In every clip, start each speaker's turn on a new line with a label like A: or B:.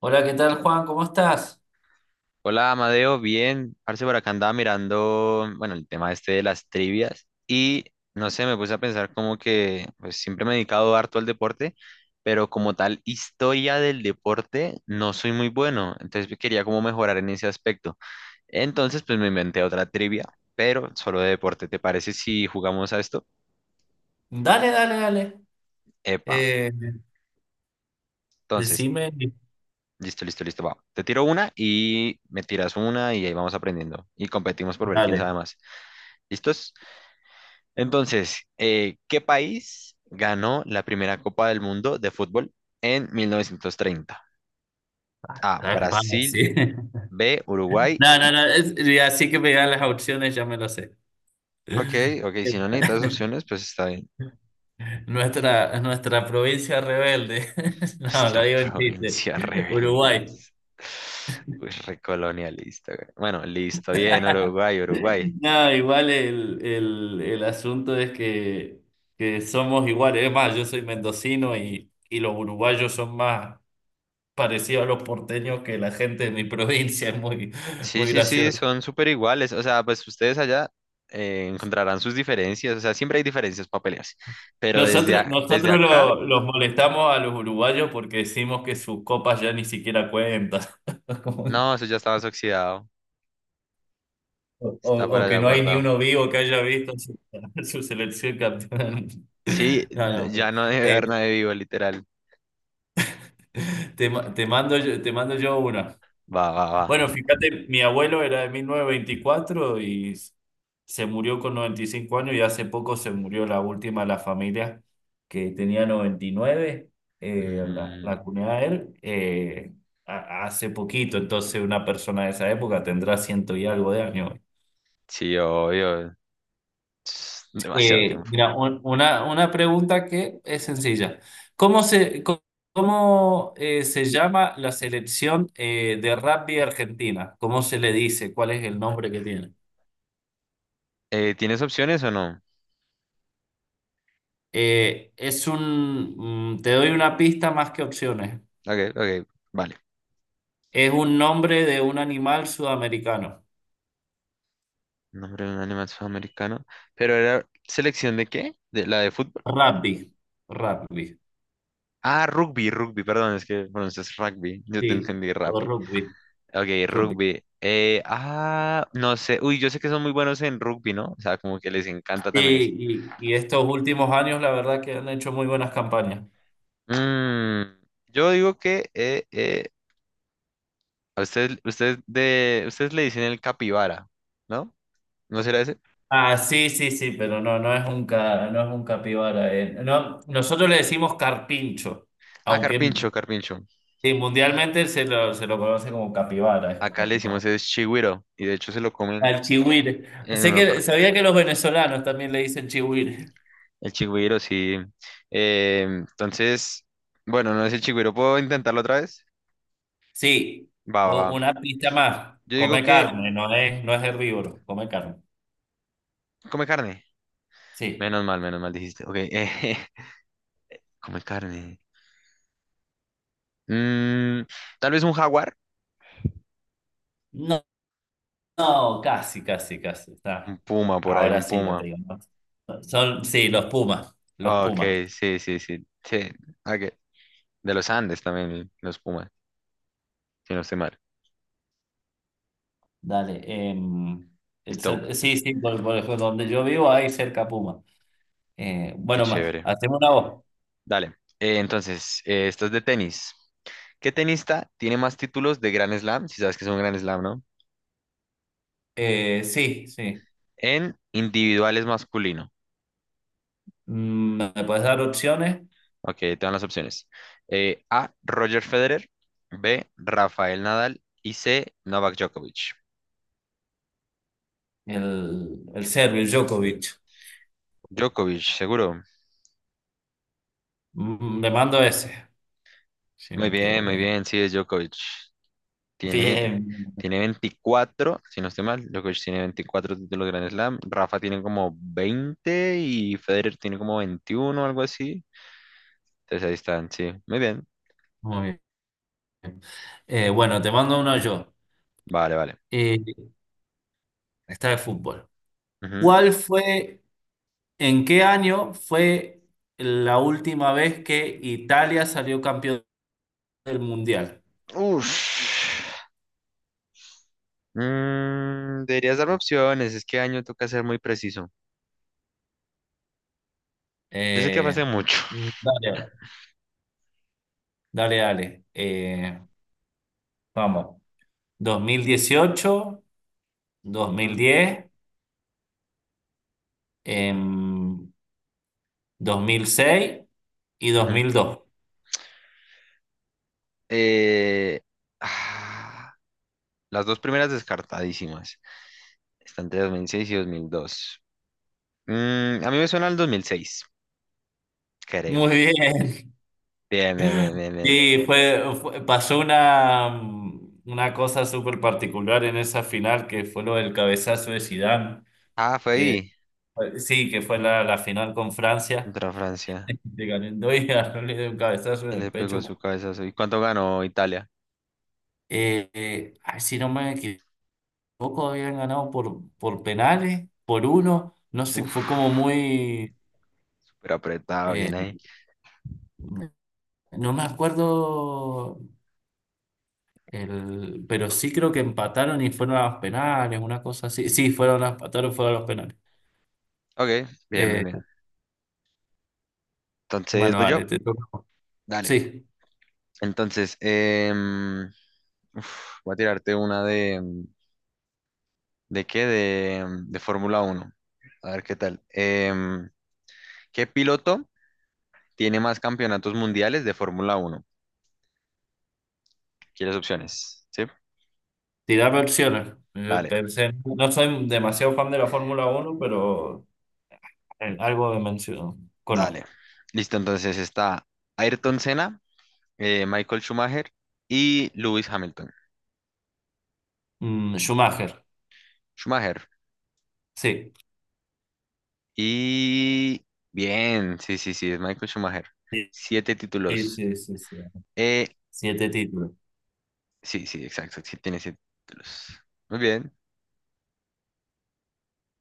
A: Hola, ¿qué tal, Juan? ¿Cómo estás?
B: Hola Amadeo, bien, parce, por acá andaba mirando, bueno, el tema este de las trivias y no sé, me puse a pensar como que pues siempre me he dedicado harto al deporte, pero como tal historia del deporte no soy muy bueno, entonces pues, quería como mejorar en ese aspecto. Entonces pues me inventé otra trivia, pero solo de deporte, ¿te parece si jugamos a esto?
A: Dale, dale, dale.
B: Epa,
A: Eh,
B: entonces,
A: decime.
B: listo, listo, listo, va. Te tiro una y me tiras una y ahí vamos aprendiendo y competimos por ver quién sabe
A: Dale.
B: más. ¿Listos? Entonces, ¿qué país ganó la primera Copa del Mundo de fútbol en 1930? A,
A: Es pana,
B: Brasil.
A: sí.
B: B, Uruguay.
A: No, no, no. Y así que me dan las opciones, ya me lo sé.
B: Ok, ok, si no necesitas opciones, pues está bien.
A: Nuestra provincia rebelde. No,
B: Nuestra
A: lo digo en chiste.
B: provincia rebelde,
A: Uruguay.
B: dice. Uy, recolonialista, güey. Bueno, listo, bien, Uruguay, Uruguay.
A: No, igual el asunto es que somos iguales. Es más, yo soy mendocino y los uruguayos son más parecidos a los porteños que la gente de mi provincia. Es muy,
B: Sí,
A: muy
B: sí, sí,
A: gracioso.
B: son súper iguales. O sea, pues ustedes allá encontrarán sus diferencias. O sea, siempre hay diferencias para pelearse. Pero
A: Nosotros,
B: desde
A: nosotros
B: acá,
A: los molestamos a los uruguayos porque decimos que sus copas ya ni siquiera cuentan. Como-
B: no, eso ya está más oxidado. Está
A: o,
B: por allá
A: que no hay ni
B: guardado.
A: uno vivo que haya visto su su selección campeona del mundo.
B: Sí,
A: No, no, pero,
B: ya no debe
A: eh,
B: haber nadie vivo, literal.
A: te mando yo una.
B: Va, va,
A: Bueno,
B: va.
A: fíjate, mi abuelo era de 1924 y se murió con 95 años, y hace poco se murió la última de la familia que tenía 99, la
B: Mm,
A: cuñada de él, hace poquito. Entonces una persona de esa época tendrá ciento y algo de años.
B: sí, obvio. Tss, demasiado tiempo.
A: Mira, una pregunta que es sencilla. ¿Cómo se, co- ¿Cómo, se llama la selección de rugby argentina? ¿Cómo se le dice? ¿Cuál es el nombre que tiene?
B: ¿Tienes opciones o no?
A: Es un, mm, te doy una pista más que opciones.
B: Ok, ok, vale.
A: Es un nombre de un animal sudamericano.
B: Nombre de un animal sudamericano. ¿Pero era selección de qué? ¿De la de fútbol?
A: Rugby. Rugby.
B: Ah, rugby, rugby, perdón, es que pronuncias rugby. Yo te
A: Sí.
B: entendí
A: O
B: rugby.
A: rugby.
B: Ok,
A: Rugby.
B: rugby. No sé. Uy, yo sé que son muy buenos en rugby, ¿no? O sea, como que les encanta también eso.
A: Sí, y estos últimos años, la verdad que han hecho muy buenas campañas.
B: Mm, yo digo que a usted, ustedes le dicen el capibara, ¿no? ¿No será ese?
A: Ah, sí, sí, sí, pero no, no es un capibara. No, nosotros le decimos carpincho,
B: Ah,
A: aunque
B: carpincho, carpincho.
A: sí, mundialmente se lo conoce como capibara, es
B: Acá
A: como
B: le
A: más.
B: decimos es chigüiro y de hecho se lo comen
A: Al chihuire.
B: en
A: Sé
B: una
A: que
B: parte.
A: sabía que los venezolanos también le dicen chihuire.
B: El chigüiro, sí. Eh, entonces, bueno, no es el chigüiro. ¿Puedo intentarlo otra vez?
A: Sí,
B: Va, va,
A: u-
B: va.
A: una pista más.
B: Yo digo
A: Come
B: que
A: carne, no es herbívoro, come carne.
B: come carne.
A: Sí.
B: Menos mal dijiste. Ok, come carne. Mm, tal vez un jaguar.
A: No, no, casi, casi, casi.
B: Un
A: Está.
B: puma por ahí,
A: Ahora
B: un
A: sí, ya te
B: puma.
A: digo. ¿No? Son, sí, los pumas, los
B: Ok,
A: pumas.
B: sí, sí, sí. Sí, ok. De los Andes también, los pumas, si no estoy mal.
A: Dale.
B: Listo,
A: Sí, sí, por ejemplo, donde yo vivo hay cerca puma.
B: qué
A: Bueno, más,
B: chévere.
A: hacemos una voz.
B: Dale. Esto es de tenis. ¿Qué tenista tiene más títulos de Grand Slam? Si sabes que es un Grand Slam, ¿no?
A: Sí, sí.
B: En individuales masculino.
A: Mm, ¿me puedes dar opciones?
B: Ok, te dan las opciones. A, Roger Federer. B, Rafael Nadal. Y C, Novak Djokovic.
A: El serbio, el Djokovic.
B: Djokovic, seguro.
A: Mm, le mando ese, si me equivoco
B: Muy
A: ya.
B: bien, sí es Djokovic. tiene,
A: Bien, bien,
B: Tiene 24 si no estoy mal, Djokovic tiene 24 títulos de Grand Slam, Rafa tiene como 20 y Federer tiene como 21 o algo así. Entonces ahí están, sí, muy bien.
A: muy bien. Bueno, te mando uno yo.
B: Vale, vale.
A: Eh, esta de fútbol.
B: Ujú.
A: ¿Cuál fue, ¿en qué año fue la última vez que Italia salió campeón del Mundial?
B: Uf. Mm, deberías darme opciones, es que año toca ser muy preciso. Yo sé que fue hace
A: Eh,
B: mucho.
A: Dale, dale, dale. Vamos. 2018,
B: Ujú,
A: 2010,
B: ujú,
A: em, 2006 y dos
B: ujú.
A: mil dos
B: Eh, ah, las dos primeras descartadísimas. Están entre 2006 y 2002. Mm, a mí me suena al 2006
A: Muy
B: creo.
A: bien,
B: Bien, bien, bien, bien, bien.
A: sí, pasó una cosa súper particular en esa final que fue lo del cabezazo de Zidane,
B: Ah, fue
A: que
B: ahí,
A: sí, que fue la, la final con Francia.
B: contra Francia.
A: De ganando y ganó, le dio un cabezazo
B: Y
A: en el
B: le pegó
A: pecho.
B: su cabezazo. ¿Y cuánto ganó Italia?
A: Ay, si no me equivoco, habían ganado por penales, por uno, no sé, fue como
B: Uf,
A: muy,
B: súper apretado,
A: eh,
B: bien ahí.
A: no me acuerdo. Pero sí creo que empataron y fueron a los penales, una cosa así. Sí, fueron a empataron, fueron a los penales.
B: Ok, bien, bien,
A: Eh,
B: bien. Entonces,
A: bueno,
B: voy
A: vale,
B: yo.
A: te toca.
B: Dale.
A: Sí,
B: Entonces, em, voy a tirarte una de... ¿De qué? De, de Fórmula Uno. A ver qué tal. ¿Qué piloto tiene más campeonatos mundiales de Fórmula Uno? ¿Quieres opciones? Sí.
A: tirarme opciones. Yo
B: Dale,
A: pensé, no soy demasiado fan de la Fórmula uno, pero algo de mención
B: dale.
A: conozco.
B: Listo, entonces está Ayrton Senna, Michael Schumacher y Lewis Hamilton.
A: Mm, Schumacher,
B: Schumacher.
A: sí.
B: Y bien, sí, sí, sí, es Michael Schumacher.
A: Sí,
B: Siete
A: sí,
B: títulos.
A: sí, sí, sí.
B: Eh,
A: Siete títulos.
B: sí, sí, exacto, sí tiene siete títulos. Muy bien.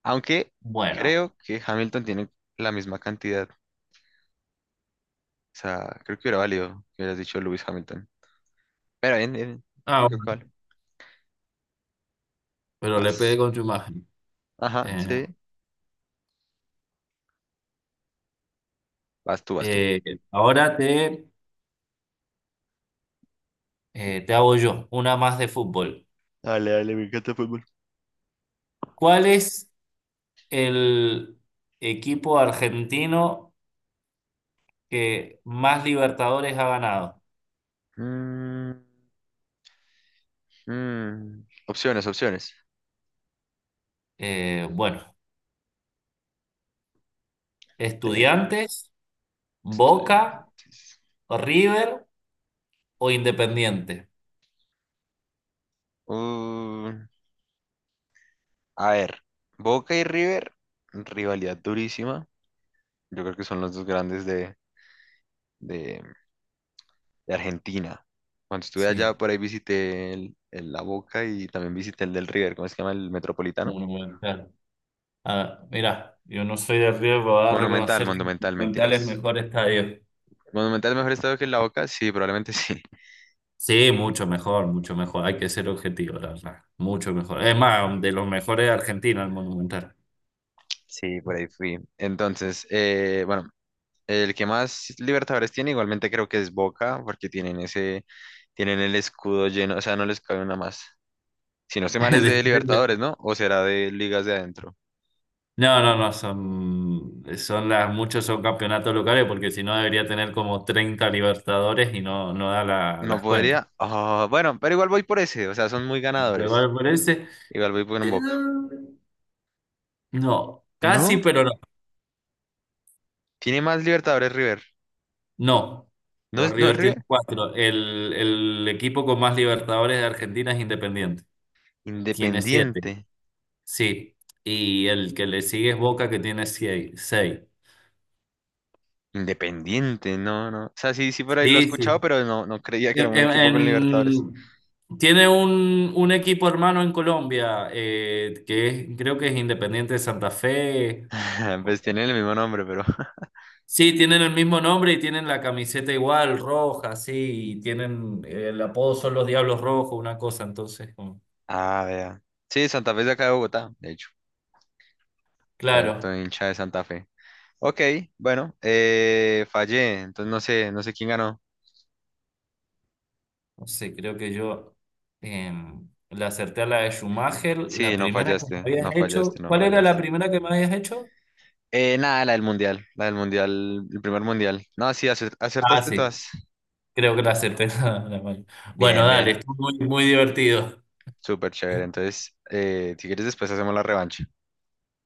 B: Aunque
A: Bueno,
B: creo que Hamilton tiene la misma cantidad. O sea, creo que hubiera valido que hubieras dicho Lewis Hamilton. Pero bien, bien.
A: ah,
B: Yo creo que
A: bueno,
B: vale.
A: pero le
B: Vas.
A: pegué con Schumacher.
B: Ajá,
A: Eh,
B: sí. Vas tú, vas tú.
A: eh, ahora te, te hago yo una más de fútbol.
B: Dale, dale, me encanta el fútbol.
A: ¿Cuál es? ¿El equipo argentino que más Libertadores ha ganado?
B: Mm, mm. Opciones, opciones.
A: Bueno, ¿Estudiantes, Boca,
B: Estudiantes.
A: River o Independiente?
B: Uh, a ver, Boca y River, rivalidad durísima. Yo creo que son los dos grandes de- de Argentina. Cuando estuve
A: Sí,
B: allá, por ahí visité el La Boca y también visité el del River, ¿cómo se llama? El Metropolitano.
A: Monumental. Ah, mira, yo no soy de River, pero voy a
B: Monumental,
A: reconocer que
B: Monumental,
A: Monumental es
B: mentiras.
A: mejor estadio.
B: ¿Monumental mejor estado que el La Boca? Sí, probablemente sí.
A: Sí, mucho mejor, mucho mejor. Hay que ser objetivo, la verdad. Mucho mejor. Es más, de los mejores de Argentina, el Monumental.
B: Sí, por ahí fui. Entonces, bueno, el que más Libertadores tiene, igualmente creo que es Boca, porque tienen ese, tienen el escudo lleno, o sea, no les cabe una más. Si no estoy mal es de Libertadores, ¿no? O será de ligas de adentro.
A: No, no, no, son, son las, muchos son campeonatos locales porque si no debería tener como 30 Libertadores y no,
B: No
A: las cuentas.
B: podría. Ah, bueno, pero igual voy por ese, o sea, son muy ganadores.
A: River por ese,
B: Igual voy por un
A: eh,
B: Boca.
A: no, casi,
B: No,
A: pero no.
B: tiene más Libertadores River.
A: No,
B: No
A: los
B: es, no es
A: River tienen
B: River.
A: 4. El equipo con más Libertadores de Argentina es Independiente. Tiene 7,
B: Independiente.
A: sí. Y el que le sigue es Boca, que tiene seis.
B: Independiente, no, no. O sea, sí, sí por ahí lo he
A: Sí, sí.
B: escuchado, pero no, no creía que era
A: En-
B: un
A: en-
B: equipo con Libertadores.
A: en- Tiene un equipo hermano en Colombia, creo que es Independiente de Santa Fe.
B: Pues tienen el mismo nombre, pero.
A: Sí, tienen el mismo nombre y tienen la camiseta igual, roja, sí, y tienen el apodo son los Diablos Rojos, una cosa, entonces, como
B: Ah, vea. Sí, Santa Fe es de acá de Bogotá, de hecho. Cierto,
A: claro,
B: hincha de Santa Fe. Ok, bueno, fallé, entonces no sé, no sé quién ganó.
A: no sé, creo que yo le acerté a la de Schumacher, la
B: Sí, no
A: primera que me
B: fallaste,
A: habías
B: no
A: hecho,
B: fallaste, no
A: ¿cuál era
B: fallaste.
A: la primera que me habías hecho?
B: Nada, la del mundial, el primer mundial. No, sí,
A: Ah,
B: acertaste
A: sí.
B: todas.
A: Creo que la acerté. Mano. Bueno,
B: Bien,
A: dale,
B: bien,
A: estuvo muy, muy divertido.
B: súper chévere. Entonces, si quieres después hacemos la revancha.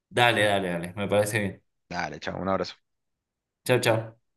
A: Dale, dale, dale, me parece bien.
B: Dale, chao, un abrazo.
A: Chao, chao.